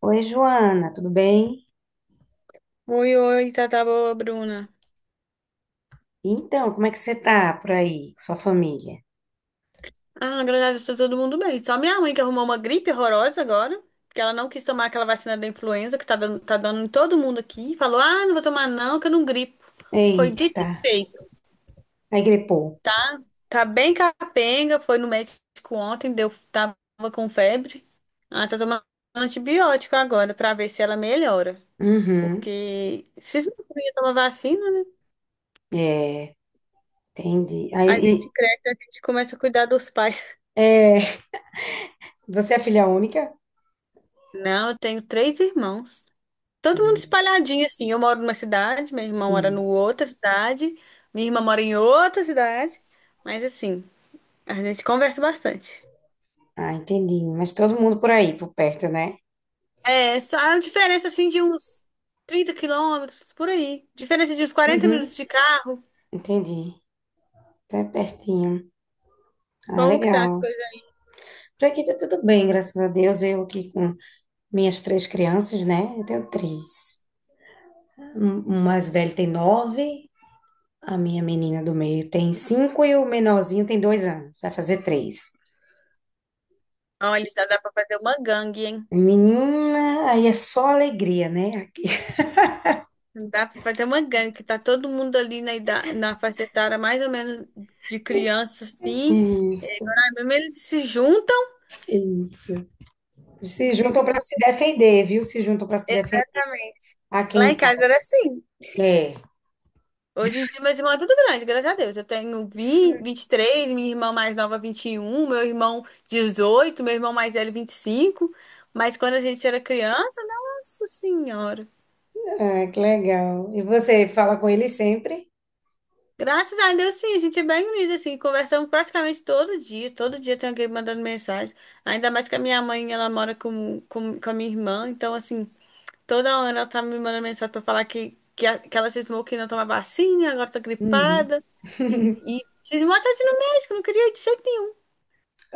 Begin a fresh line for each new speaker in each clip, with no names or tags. Oi, Joana, tudo bem?
Oi, oi, tá, tá boa, Bruna.
Então, como é que você tá por aí, com sua família?
Ah, na verdade, tá todo mundo bem. Só minha mãe que arrumou uma gripe horrorosa agora, que ela não quis tomar aquela vacina da influenza que tá dando em todo mundo aqui. Falou, ah, não vou tomar não, que eu não gripo. Foi dito
Eita,
e feito,
aí gripou.
tá? Tá bem capenga, foi no médico ontem, deu, tava com febre. Ela tá tomando antibiótico agora pra ver se ela melhora.
Uhum,
Porque se não ia tomar vacina, né?
é, entendi.
A
Aí,
gente
e-
cresce, a gente começa a cuidar dos pais.
é, você é filha única?
Não, eu tenho três irmãos. Todo mundo
Hum,
espalhadinho, assim. Eu moro numa cidade, meu irmão mora
sim.
no outra cidade, minha irmã mora em outra cidade. Mas, assim, a gente conversa bastante.
Ah, entendi. Mas todo mundo por aí, por perto, né?
É, só a diferença, assim, de uns 30 quilômetros, por aí. Diferença de uns 40
Uhum,
minutos de carro.
entendi. Tá pertinho. Ah,
Como que tá as
legal.
coisas aí?
Por aqui tá tudo bem, graças a Deus. Eu aqui com minhas três crianças, né? Eu tenho três. O mais velho tem 9. A minha menina do meio tem 5 e o menorzinho tem 2 anos, vai fazer 3.
Olha, já dá pra fazer uma gangue, hein?
Menina, aí é só alegria, né? Aqui.
Dá pra fazer uma gangue, que tá todo mundo ali na, idade, na faixa etária mais ou menos de criança, assim. É,
Isso,
agora mesmo eles se juntam,
isso. Se juntam
ficam.
para se defender, viu? Se juntam para se defender
Exatamente.
aqui
Lá
em
em casa era
casa.
assim.
É.
Hoje em dia, meu irmão é tudo grande, graças a Deus. Eu tenho vinte, 23. Minha irmã mais nova, 21. Meu irmão, 18. Meu irmão mais velho, 25. Mas quando a gente era criança, nossa senhora.
Ah, que legal. E você fala com ele sempre?
Graças a Deus, sim, a gente é bem unido, assim. Conversamos praticamente todo dia. Todo dia tem alguém mandando mensagem. Ainda mais que a minha mãe, ela mora com a minha irmã. Então, assim, toda hora ela tá me mandando mensagem pra falar que ela cismou que não toma vacina, agora tá
Uhum.
gripada. E cismou até de ir no médico, não queria ir de jeito nenhum.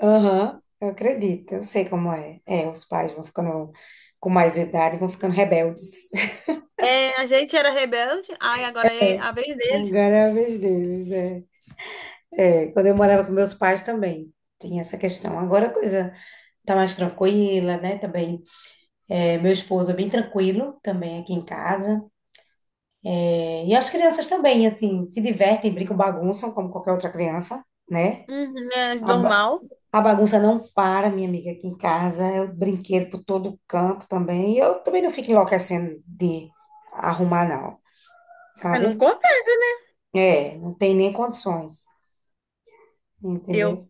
Aham, eu acredito, eu sei como é. É, os pais vão ficando com mais idade, vão ficando rebeldes.
É, a gente era rebelde, aí agora é a vez deles.
Agora é a vez deles, é. É, quando eu morava com meus pais também tem essa questão. Agora a coisa tá mais tranquila, né? Também é, meu esposo é bem tranquilo também aqui em casa. É, e as crianças também, assim, se divertem, brincam, bagunçam como qualquer outra criança, né?
Uhum, é
A, ba-
normal.
a bagunça não para, minha amiga, aqui em casa. É o brinquedo por todo canto também. E eu também não fico enlouquecendo de arrumar, não,
Ah, não
sabe?
compensa, né?
É, não tem nem condições, entendeu?
Eu,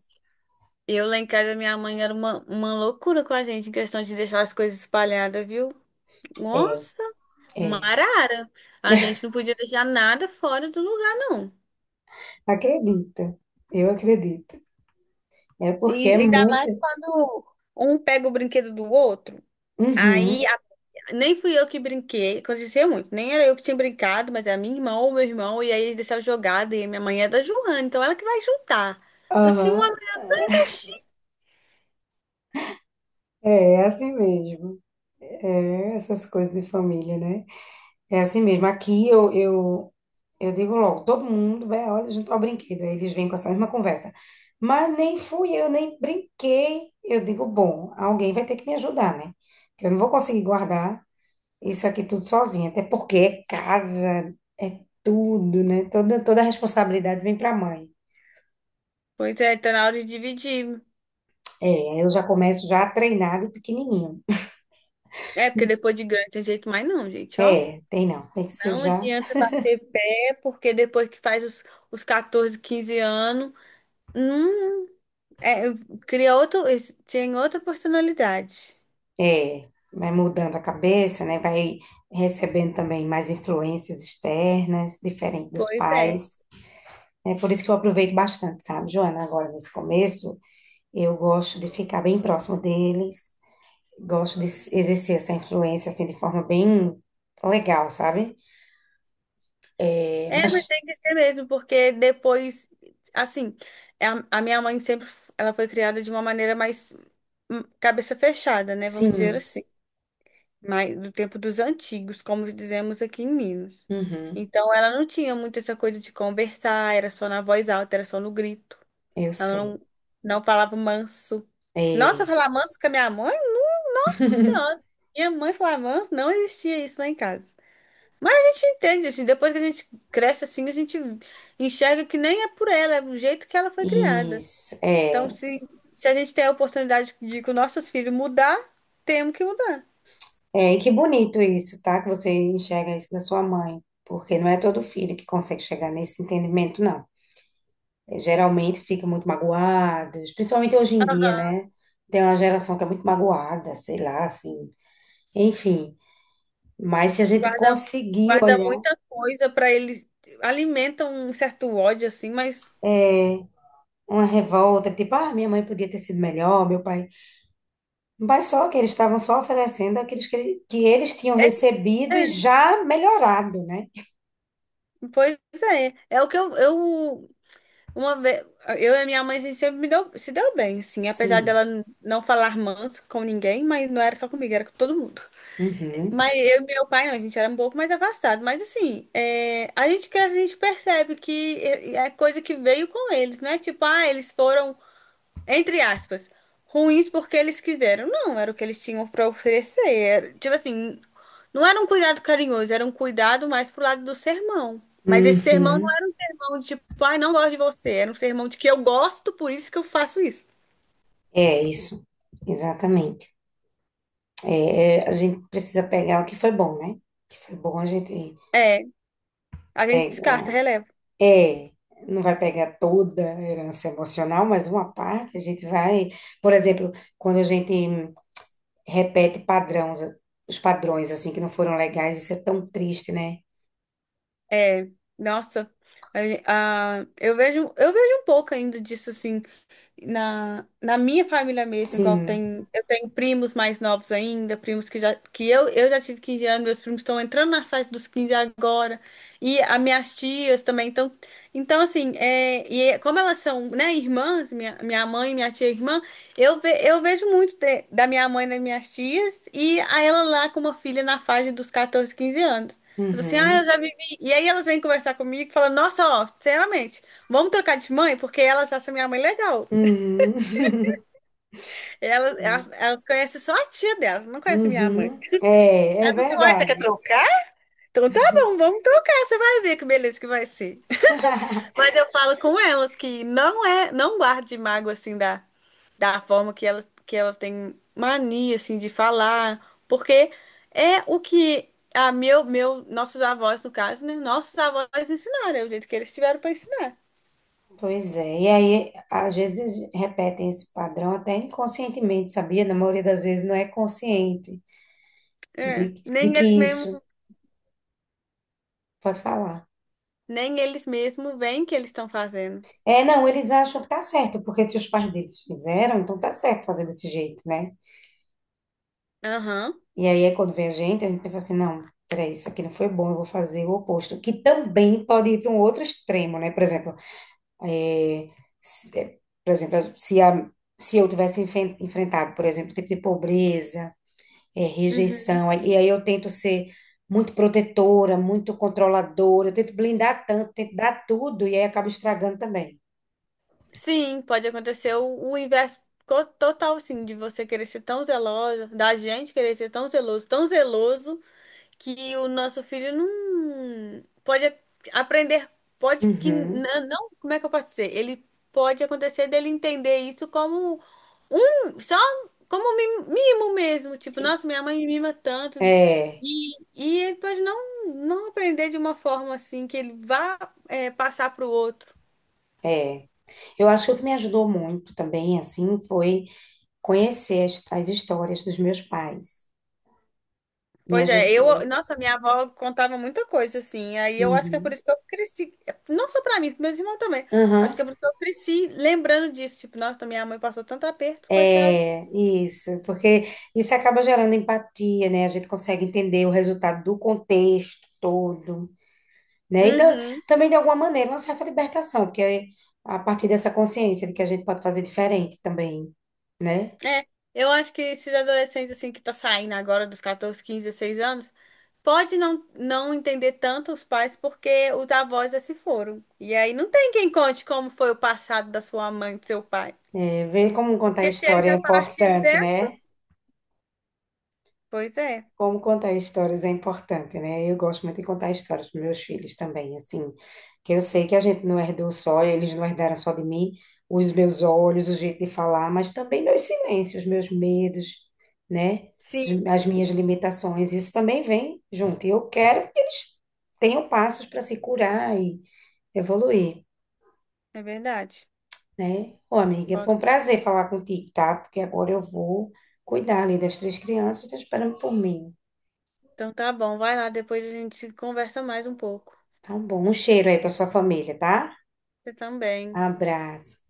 eu lá em casa, minha mãe era uma loucura com a gente em questão de deixar as coisas espalhadas, viu?
É,
Nossa, uma
é.
arara. A gente não podia deixar nada fora do lugar, não.
Acredita, eu acredito. É porque é
E ainda
muito.
mais quando um pega o brinquedo do outro. Aí,
Uhum,
nem fui eu que brinquei, aconteceu muito, nem era eu que tinha brincado, mas era minha irmã ou meu irmão, e aí eles deixaram jogada, e a minha mãe é da Joana, então ela que vai juntar. Então, assim, uma
aham.
mexida.
É, é assim mesmo. É essas coisas de família, né? É assim mesmo. Aqui eu digo logo, todo mundo vai, olha, junto ao brinquedo. Aí eles vêm com essa mesma conversa. Mas nem fui eu, nem brinquei. Eu digo, bom, alguém vai ter que me ajudar, né? Que eu não vou conseguir guardar isso aqui tudo sozinha. Até porque é casa, é tudo, né? Toda a responsabilidade vem para a mãe.
Pois é, tá na hora de dividir.
É, eu já começo já treinado treinar pequenininho.
É, porque depois de grande não tem jeito mais não, gente, ó.
É, tem não, tem que ser
Não
já.
adianta bater pé, porque depois que faz os 14, 15 anos, não, é, cria outro, tem outra personalidade.
É, vai mudando a cabeça, né? Vai recebendo também mais influências externas, diferente dos
Pois é.
pais. É por isso que eu aproveito bastante, sabe, Joana? Agora, nesse começo, eu gosto de ficar bem próximo deles, gosto de exercer essa influência, assim, de forma bem legal, sabe? É,
É, mas
mas,
tem que ser mesmo, porque depois, assim, é a minha mãe sempre, ela foi criada de uma maneira mais cabeça fechada, né? Vamos dizer
sim,
assim, mais do tempo dos antigos, como dizemos aqui em Minas.
uhum,
Então, ela não tinha muito essa coisa de conversar, era só na voz alta, era só no grito.
eu
Ela
sei.
não falava manso. Nossa,
É.
falar manso com a minha mãe? Nossa Senhora! Minha mãe falar manso, não existia isso lá em casa. A gente entende, assim, depois que a gente cresce assim, a gente enxerga que nem é por ela, é do jeito que ela foi criada.
Isso,
Então,
é.
se a gente tem a oportunidade de que os nossos filhos mudar, temos que mudar.
É, e que bonito isso, tá? Que você enxerga isso na sua mãe, porque não é todo filho que consegue chegar nesse entendimento, não. É, geralmente fica muito magoado, principalmente hoje em dia, né? Tem uma geração que é muito magoada, sei lá, assim. Enfim, mas se a gente
Guarda,
conseguir
guarda
olhar
muita coisa para eles, alimenta um certo ódio, assim, mas.
é, uma revolta, tipo, ah, minha mãe podia ter sido melhor, meu pai. Mas só que eles estavam só oferecendo aqueles que, que eles tinham
é-
recebido e
é,
já melhorado, né?
pois é. É o que eu uma vez, eu e a minha mãe, a gente sempre me deu, se deu bem, assim, apesar
Sim.
dela não falar manso com ninguém, mas não era só comigo, era com todo mundo.
Uhum.
Mas eu e meu pai, não, a gente era um pouco mais afastado. Mas assim, é, a gente cresce, a gente percebe que é coisa que veio com eles, né? Tipo, ah, eles foram, entre aspas, ruins porque eles quiseram. Não, era o que eles tinham para oferecer. Tipo assim, não era um cuidado carinhoso, era um cuidado mais pro lado do sermão. Mas esse sermão não
Uhum.
era um sermão de tipo, ai, não gosto de você. Era um sermão de que eu gosto, por isso que eu faço isso.
É isso, exatamente. É, é, a gente precisa pegar o que foi bom, né? O que foi bom a gente
É, a gente descarta,
pega.
releva.
É, não vai pegar toda a herança emocional, mas uma parte a gente vai. Por exemplo, quando a gente repete padrões, os padrões assim que não foram legais, isso é tão triste, né?
É, nossa, eu vejo um pouco ainda disso, assim, na minha família mesmo, igual
Sim.
tem, eu tenho primos mais novos ainda, primos que já, que eu já tive 15 anos, meus primos estão entrando na fase dos 15 agora, e as minhas tias também, então assim, é, como elas são, né, irmãs, minha mãe, minha tia irmã, eu vejo muito da minha mãe nas minhas tias, e a ela lá com uma filha na fase dos 14, 15 anos. Eu tô assim, ah, eu
Uhum.
já vivi. E aí elas vêm conversar comigo e falam, nossa, ó, sinceramente, vamos trocar de mãe, porque elas acham minha mãe legal.
Uhum.
Elas, elas, elas conhecem só a tia delas, não conhecem minha mãe.
Uhum. É,
Ela
é
falou assim, uai, você quer
verdade.
trocar? Então tá bom, vamos trocar, você vai ver que beleza que vai ser. Mas eu falo com elas que não é, não guarde mágoa assim da forma que elas têm mania assim de falar, porque é o que nossos avós, no caso, né? Nossos avós ensinaram, é o jeito que eles tiveram para ensinar.
Pois é, e aí às vezes eles repetem esse padrão até inconscientemente, sabia? Na maioria das vezes não é consciente
É,
de
nem
que
eles mesmo,
isso pode falar.
nem eles mesmo veem o que eles estão fazendo.
É, não, eles acham que tá certo, porque se os pais deles fizeram, então tá certo fazer desse jeito, né?
Aham.
E aí é quando vem a gente pensa assim, não, peraí, isso aqui não foi bom, eu vou fazer o oposto, que também pode ir para um outro extremo, né? Por exemplo, é, é, por exemplo, se eu tivesse enfrentado, por exemplo, o tipo de pobreza é
Uhum.
rejeição. E aí eu tento ser muito protetora, muito controladora, eu tento blindar tanto, tento dar tudo e aí acaba estragando também.
Sim, pode acontecer o inverso total, sim, de você querer ser tão zelosa, da gente querer ser tão zeloso, que o nosso filho não pode aprender, pode que
Uhum.
não, como é que eu posso dizer? Ele pode acontecer dele entender isso como só como um mimo mesmo, tipo, nossa, minha mãe me mima tanto,
É,
e ele pode não aprender de uma forma assim, que ele vá, passar para o outro.
é. Eu acho que o que me ajudou muito também, assim, foi conhecer as histórias dos meus pais. Me
Pois é,
ajudou.
nossa, minha avó contava muita coisa assim. Aí eu acho que é por
Uhum.
isso que eu cresci, não só pra mim, pros meus irmãos também.
Aham.
Acho que é por isso que eu cresci lembrando disso, tipo, nossa, minha mãe passou tanto aperto, coitada.
É, isso, porque isso acaba gerando empatia, né? A gente consegue entender o resultado do contexto todo. Né? E
Uhum.
também, de alguma maneira, uma certa libertação, porque é a partir dessa consciência de que a gente pode fazer diferente também, né?
É, eu acho que esses adolescentes assim que tá saindo agora dos 14, 15, 16 anos, pode não entender tanto os pais porque os avós já se foram. E aí não tem quem conte como foi o passado da sua mãe, do seu pai.
É, ver como contar a
Porque se eles
história é
já partiram
importante,
dessa,
né?
pois é.
Como contar histórias é importante, né? Eu gosto muito de contar histórias para meus filhos também, assim, que eu sei que a gente não herdou só, eles não herdaram só de mim, os meus olhos, o jeito de falar, mas também meus silêncios, meus medos, né?
Sim,
As minhas limitações, isso também vem junto. E eu quero que eles tenham passos para se curar e evoluir,
é verdade.
né? Ô, amiga, foi
Conto
um
com você.
prazer falar contigo, tá? Porque agora eu vou cuidar ali das três crianças, estão esperando por mim.
Então tá bom, vai lá, depois a gente conversa mais um pouco.
Tá bom. Um cheiro aí pra sua família, tá?
Você também.
Abraço.